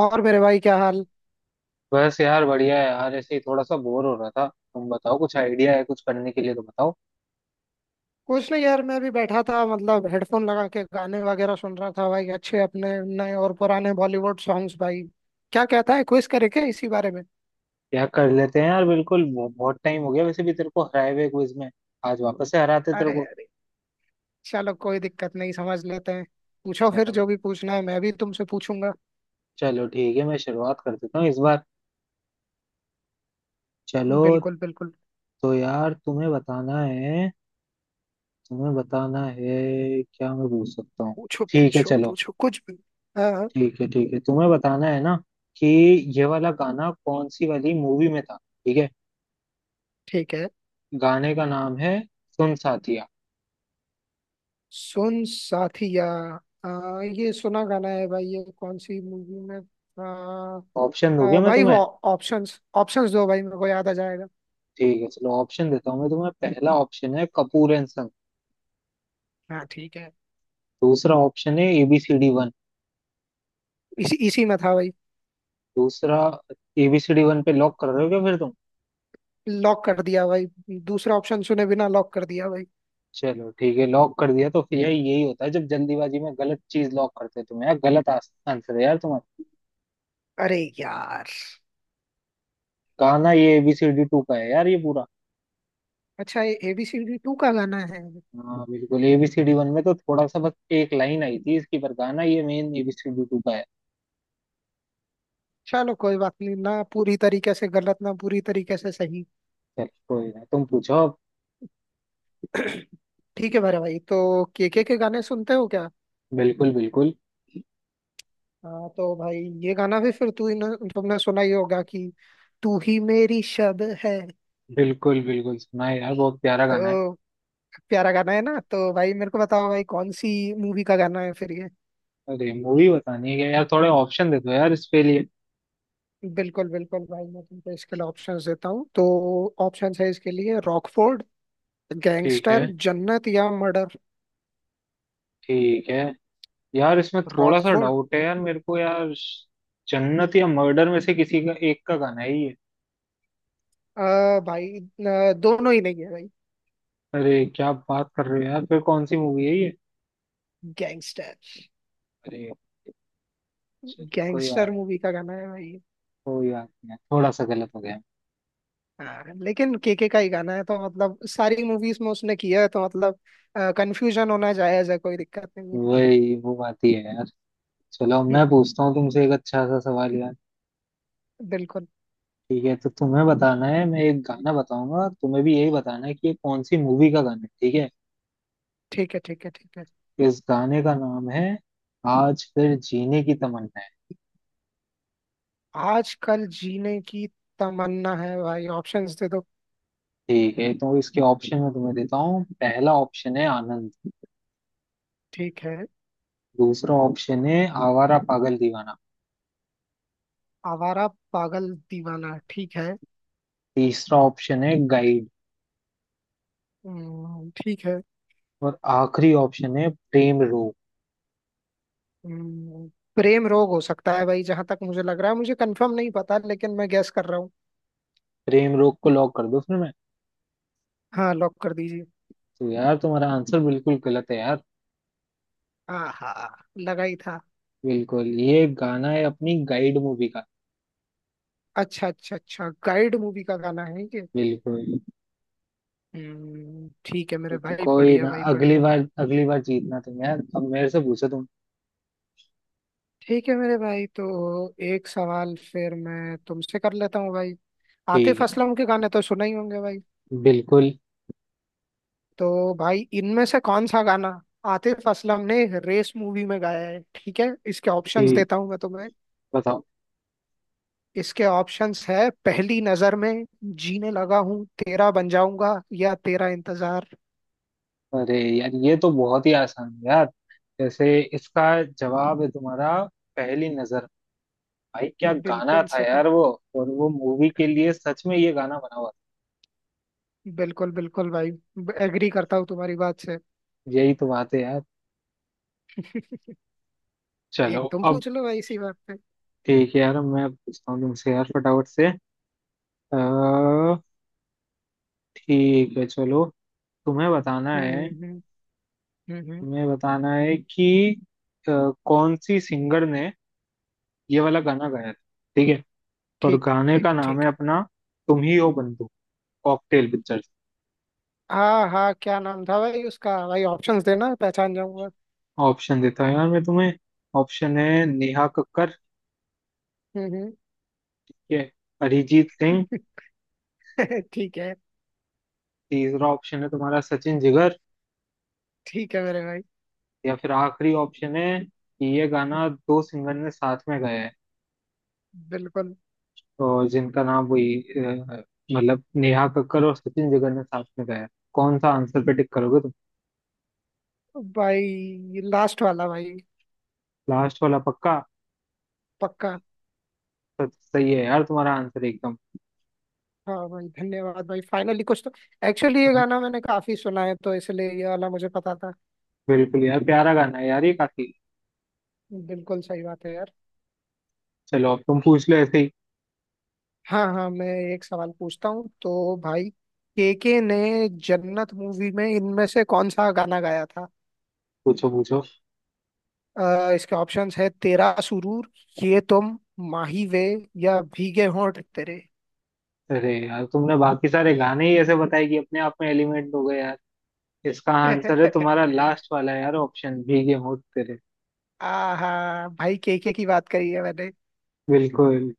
और मेरे भाई क्या हाल। बस यार बढ़िया है यार। ऐसे ही थोड़ा सा बोर हो रहा था। तुम बताओ कुछ आइडिया है कुछ करने के लिए तो बताओ। कुछ नहीं यार, मैं भी बैठा था। मतलब हेडफोन लगा के गाने वगैरह सुन रहा था भाई, अच्छे अपने नए और पुराने बॉलीवुड सॉन्ग्स भाई। क्या कहता है, क्विज करे क्या इसी बारे में। क्या कर लेते हैं यार। बिल्कुल बहुत टाइम हो गया वैसे भी तेरे को हराए हुए क्विज में। आज वापस से हराते तेरे अरे को। अरे, चलो कोई दिक्कत नहीं, समझ लेते हैं। पूछो फिर, चलो जो भी पूछना है। मैं भी तुमसे पूछूंगा। चलो ठीक है, मैं शुरुआत कर देता हूँ इस बार। चलो। बिल्कुल बिल्कुल। तो यार तुम्हें बताना है। तुम्हें बताना है क्या मैं पूछ सकता हूँ? पूछो ठीक है पूछो चलो। पूछो कुछ भी। हाँ। ठीक है ठीक है, तुम्हें बताना है ना कि ये वाला गाना कौन सी वाली मूवी में था। ठीक है। ठीक है। गाने का नाम है सुन साथिया। सुन साथिया। ये सुना गाना है भाई, ये कौन सी मूवी में था? ऑप्शन दोगे मैं भाई वो, तुम्हें? ऑप्शंस ऑप्शंस दो भाई, मेरे को याद आ जाएगा। ठीक है चलो, ऑप्शन देता हूँ मैं तुम्हें। पहला ऑप्शन है कपूर एंड संग। हाँ ठीक है। दूसरा ऑप्शन है एबीसीडी वन। इसी इसी में था भाई। दूसरा? एबीसीडी वन पे लॉक कर रहे हो क्या फिर तुम? लॉक कर दिया भाई। दूसरा ऑप्शन सुने बिना लॉक कर दिया भाई। चलो ठीक है, लॉक कर दिया तो फिर यार यही होता है जब जल्दीबाजी में गलत चीज लॉक करते हो तुम। यार गलत आंसर है यार तुम्हारा। अरे यार। गाना ये हम्म। एबीसीडी टू का है यार ये पूरा। अच्छा, ये एबीसीडी टू का गाना है। हाँ बिल्कुल, एबीसीडी वन में तो थोड़ा सा बस एक लाइन आई थी इसकी, पर गाना ये मेन एबीसीडी टू का है। चलो कोई बात नहीं, ना पूरी तरीके से गलत, ना पूरी तरीके से सही। चलो कोई ना, तुम पूछो अब। ठीक है मेरे भाई, तो केके के गाने सुनते हो क्या। बिल्कुल बिल्कुल। हाँ तो भाई, ये गाना भी फिर तू ही न- तुमने सुना ही होगा कि तू ही मेरी शब है। बिल्कुल बिल्कुल सुना है यार, बहुत प्यारा गाना है। तो प्यारा गाना है ना, तो भाई मेरे को बताओ भाई, कौन सी मूवी का गाना है फिर ये। अरे मूवी बतानी है क्या यार? थोड़े ऑप्शन दे दो यार इसके लिए। बिल्कुल बिल्कुल भाई, मैं तुमको इसके लिए ऑप्शंस देता हूँ। तो ऑप्शंस है इसके लिए रॉकफोर्ड, ठीक गैंगस्टर, है। जन्नत या मर्डर। ठीक है। यार इसमें थोड़ा सा रॉकफोर्ड? डाउट है यार मेरे को यार। जन्नत या मर्डर में से किसी का एक का गाना है ये। भाई, दोनों ही नहीं है भाई। अरे क्या बात कर रहे हो यार, फिर कौन सी मूवी है ये? गैंगस्टर, अरे। चल, गैंगस्टर मूवी का गाना है भाई। कोई बात नहीं, थोड़ा सा गलत हो गया। हाँ लेकिन केके का ही गाना है, तो मतलब सारी मूवीज में उसने किया है, तो मतलब कंफ्यूजन होना जायज है, कोई दिक्कत नहीं वही वो बात ही है यार। चलो है। मैं पूछता हूँ तुमसे एक अच्छा सा सवाल यार। बिल्कुल। ठीक है तो तुम्हें बताना है। मैं एक गाना बताऊंगा तुम्हें, भी यही बताना है कि ये कौन सी मूवी का गाना है, ठीक है। ठीक है ठीक है ठीक है। इस गाने का नाम है आज फिर जीने की तमन्ना है। आजकल जीने की तमन्ना है भाई, ऑप्शंस दे दो। ठीक है तो इसके ऑप्शन में तुम्हें देता हूँ। पहला ऑप्शन है आनंद। ठीक है। दूसरा ऑप्शन है आवारा पागल दीवाना। आवारा पागल दीवाना, ठीक है। तीसरा ऑप्शन है गाइड। ठीक है। और आखिरी ऑप्शन है प्रेम रोग। हम्म, प्रेम रोग हो सकता है भाई, जहां तक मुझे लग रहा है। मुझे कंफर्म नहीं पता, लेकिन मैं गैस कर रहा हूँ। प्रेम रोग को लॉक कर दो फिर मैं। हाँ, लॉक कर दीजिए। तो यार तुम्हारा आंसर बिल्कुल गलत है यार। आहा, लगा ही था। बिल्कुल ये गाना है अपनी गाइड मूवी का। अच्छा अच्छा अच्छा, गाइड मूवी का गाना है ये। बिल्कुल। ठीक है मेरे भाई, कोई बढ़िया ना, भाई बढ़िया। अगली बार जीतना तुम यार। अब मेरे से पूछो तुम। ठीक है मेरे भाई, तो एक सवाल फिर मैं तुमसे कर लेता हूँ भाई। ठीक आतिफ है। असलम के गाने तो सुना ही होंगे भाई। बिल्कुल। तो भाई, इनमें से कौन सा गाना आतिफ असलम ने रेस मूवी में गाया है। ठीक है, इसके ऑप्शंस ठीक। देता हूं मैं तुम्हें। बताओ। इसके ऑप्शंस है पहली नजर में, जीने लगा हूं, तेरा बन जाऊंगा या तेरा इंतजार। अरे यार ये तो बहुत ही आसान है यार। जैसे इसका जवाब है तुम्हारा पहली नजर। भाई क्या गाना बिल्कुल था सही। यार वो। और वो मूवी के लिए सच में ये गाना बना हुआ बिल्कुल बिल्कुल भाई, एग्री करता हूँ तुम्हारी बात से। था। यही तो बात है यार। चलो एक तुम अब। पूछ लो भाई इसी बात पे। ठीक है यार अब मैं पूछता हूँ तुमसे यार फटाफट से। अह, ठीक है चलो। तुम्हें बताना हम्म है। हम्म हम्म हम्म। तुम्हें बताना है कि कौन सी सिंगर ने ये वाला गाना गाया था, ठीक है। और ठीक गाने ठीक का नाम ठीक है है। अपना तुम ही हो बंधु, कॉकटेल पिक्चर। हाँ हाँ, क्या नाम था भाई उसका, भाई ऑप्शंस देना, पहचान जाऊंगा। ऑप्शन देता हूँ यार मैं तुम्हें। ऑप्शन है नेहा कक्कर, हम्म। ठीक है। अरिजीत सिंह। ठीक है। तीसरा ऑप्शन है तुम्हारा सचिन जिगर। ठीक है मेरे भाई। या फिर आखिरी ऑप्शन है कि ये गाना दो सिंगर ने साथ में गाया है, बिल्कुल। तो जिनका नाम वही मतलब नेहा कक्कर और सचिन जिगर ने साथ में गाया है। कौन सा आंसर पे टिक करोगे तुम? भाई लास्ट वाला भाई। लास्ट वाला पक्का? पक्का। तो सही है यार तुम्हारा आंसर एकदम। हाँ भाई, धन्यवाद भाई, फाइनली कुछ तो। एक्चुअली ये गाना मैंने काफी सुना है, तो इसलिए ये वाला मुझे पता था। बिल्कुल यार प्यारा गाना है यार ये काफी। बिल्कुल सही बात है यार। चलो अब तुम पूछ लो ऐसे ही। हाँ हाँ, मैं एक सवाल पूछता हूँ। तो भाई, केके ने जन्नत मूवी में इनमें से कौन सा गाना गाया था। पूछो पूछो। इसके ऑप्शंस है तेरा सुरूर, ये तुम, माही वे या भीगे होंठ तेरे। अरे यार तुमने बाकी सारे गाने ही ऐसे बताए कि अपने आप में एलिमेंट हो गए यार। इसका आंसर है तुम्हारा लास्ट वाला यार, ऑप्शन भीगे होंठ तेरे। आहा भाई, केके की बात करी है मैंने, बिल्कुल।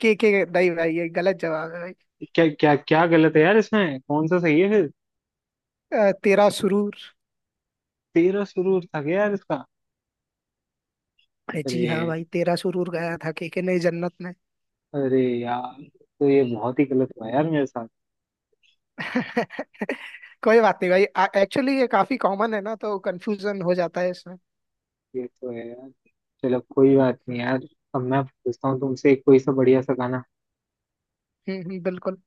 के के। नहीं भाई, ये गलत जवाब है। क्या क्या क्या गलत है यार इसमें? कौन सा सही है फिर? तेरा सुरूर। तेरा सुरूर था क्या यार इसका? अरे अरे। जी हाँ भाई, तेरा सुरूर गाया था केके ने जन्नत में। अरे यार। तो ये बहुत ही गलत हुआ यार मेरे साथ। कोई बात नहीं भाई। एक्चुअली ये काफी कॉमन है ना, तो कंफ्यूजन हो जाता है इसमें। ये तो है यार। चलो कोई बात नहीं हम्म यार। अब मैं पूछता हूँ तुमसे एक कोई सा बढ़िया सा गाना। हम्म। बिल्कुल।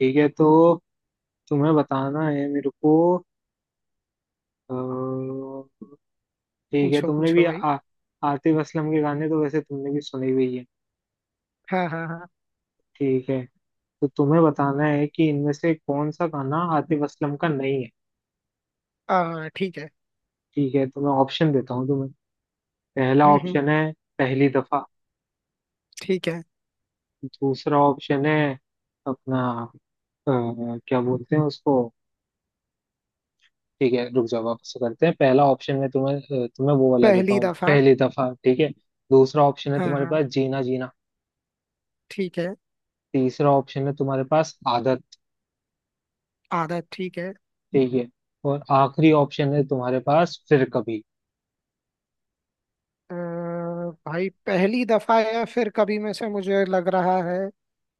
ठीक है तो तुम्हें बताना है मेरे को। ठीक है। पूछो तुमने पूछो भी भाई। आतिफ असलम के गाने तो वैसे तुमने भी सुने हुए ही है। हाँ हाँ। ठीक है, तो तुम्हें बताना है कि इनमें से कौन सा गाना आतिफ असलम का नहीं है। हाँ ठीक है। ठीक है तो मैं ऑप्शन देता हूँ तुम्हें। पहला हम्म हम्म, ऑप्शन है पहली दफा। ठीक है। दूसरा ऑप्शन है अपना अ, क्या बोलते हैं उसको। ठीक है रुक जाओ, वापस से करते हैं। पहला ऑप्शन में तुम्हें तुम्हें वो वाला देता पहली हूँ दफा। पहली दफा, ठीक है। दूसरा ऑप्शन है हाँ तुम्हारे हाँ, पास जीना जीना। ठीक है। तीसरा ऑप्शन है तुम्हारे पास आदत, आदत, ठीक है। ठीक है। और आखिरी ऑप्शन है तुम्हारे पास फिर कभी। अ, भाई पहली दफा या फिर कभी में से मुझे लग रहा है।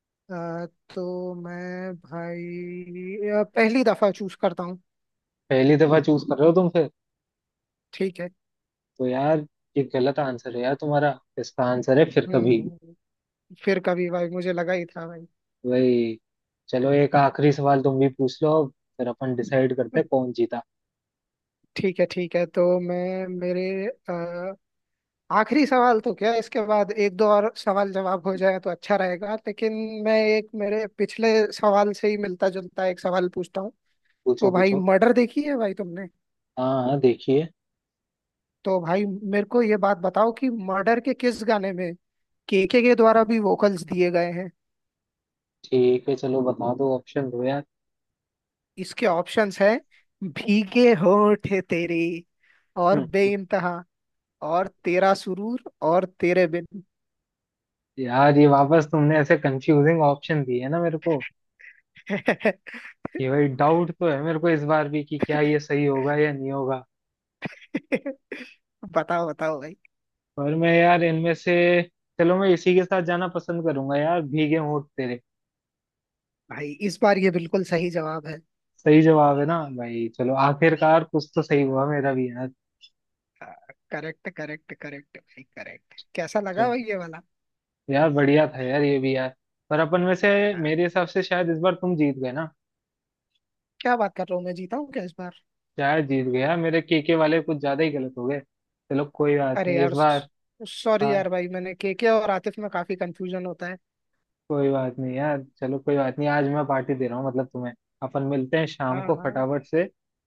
अ, तो मैं भाई, पहली दफा चूज करता हूँ। पहली दफा चूज कर रहे हो तुम फिर? ठीक है। तो यार ये गलत आंसर है यार तुम्हारा। इसका आंसर है फिर हम्म कभी। हम्म। फिर कभी, भाई मुझे लगा ही था भाई। वही। चलो एक आखिरी सवाल तुम भी पूछ लो अब। फिर अपन डिसाइड करते हैं कौन जीता। ठीक है ठीक है, तो मैं मेरे, अ, आखिरी सवाल तो क्या, इसके बाद एक दो और सवाल जवाब हो जाए तो अच्छा रहेगा। लेकिन मैं एक मेरे पिछले सवाल से ही मिलता जुलता एक सवाल पूछता हूँ। पूछो तो भाई, पूछो। मर्डर देखी है भाई तुमने। हाँ हाँ देखिए। तो भाई मेरे को ये बात बताओ कि मर्डर के किस गाने में केके के द्वारा भी वोकल्स दिए गए हैं। ठीक है चलो बता दो, ऑप्शन दो यार। इसके ऑप्शंस हैं भीगे होठ तेरे और हम्म, हम्म। बेइंतहा और तेरा सुरूर और तेरे बिन। यार ये वापस तुमने ऐसे कंफ्यूजिंग ऑप्शन दिए है ना मेरे को, कि भाई डाउट तो है मेरे को इस बार भी कि क्या ये सही होगा या नहीं होगा। बताओ बताओ भाई। पर मैं यार इनमें से, चलो मैं इसी के साथ जाना पसंद करूंगा यार, भीगे होंठ तेरे। भाई इस बार ये बिल्कुल सही जवाब है। सही जवाब है ना भाई? चलो आखिरकार कुछ तो सही हुआ मेरा भी यार। करेक्ट करेक्ट करेक्ट भाई, करेक्ट। कैसा लगा चलो भाई ये वाला। यार बढ़िया था यार ये भी यार। पर अपन में से हाँ मेरे हिसाब से शायद इस बार तुम जीत गए ना। क्या बात कर रहा हूँ, मैं जीता हूँ क्या इस बार। शायद जीत गए यार, मेरे केके वाले कुछ ज्यादा ही गलत हो गए। चलो कोई बात अरे नहीं इस यार, बार। सॉरी हाँ। यार भाई, मैंने केके और आतिफ में काफी कंफ्यूजन होता है। कोई बात नहीं यार, चलो कोई बात नहीं, आज मैं पार्टी दे रहा हूँ मतलब तुम्हें। अपन मिलते हैं शाम हाँ को हाँ। फटाफट से।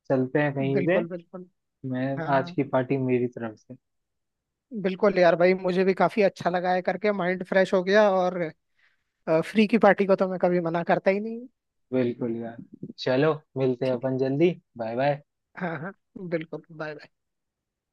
चलते हैं कहीं से। बिल्कुल बिल्कुल। मैं हाँ आज हाँ। की पार्टी मेरी तरफ से। बिल्कुल यार भाई, मुझे भी काफी अच्छा लगा है करके, माइंड फ्रेश हो गया। और फ्री की पार्टी को तो मैं कभी मना करता ही नहीं। बिल्कुल यार। चलो मिलते हैं ठीक। अपन जल्दी। Bye bye. हाँ हाँ, बिल्कुल, बाय बाय।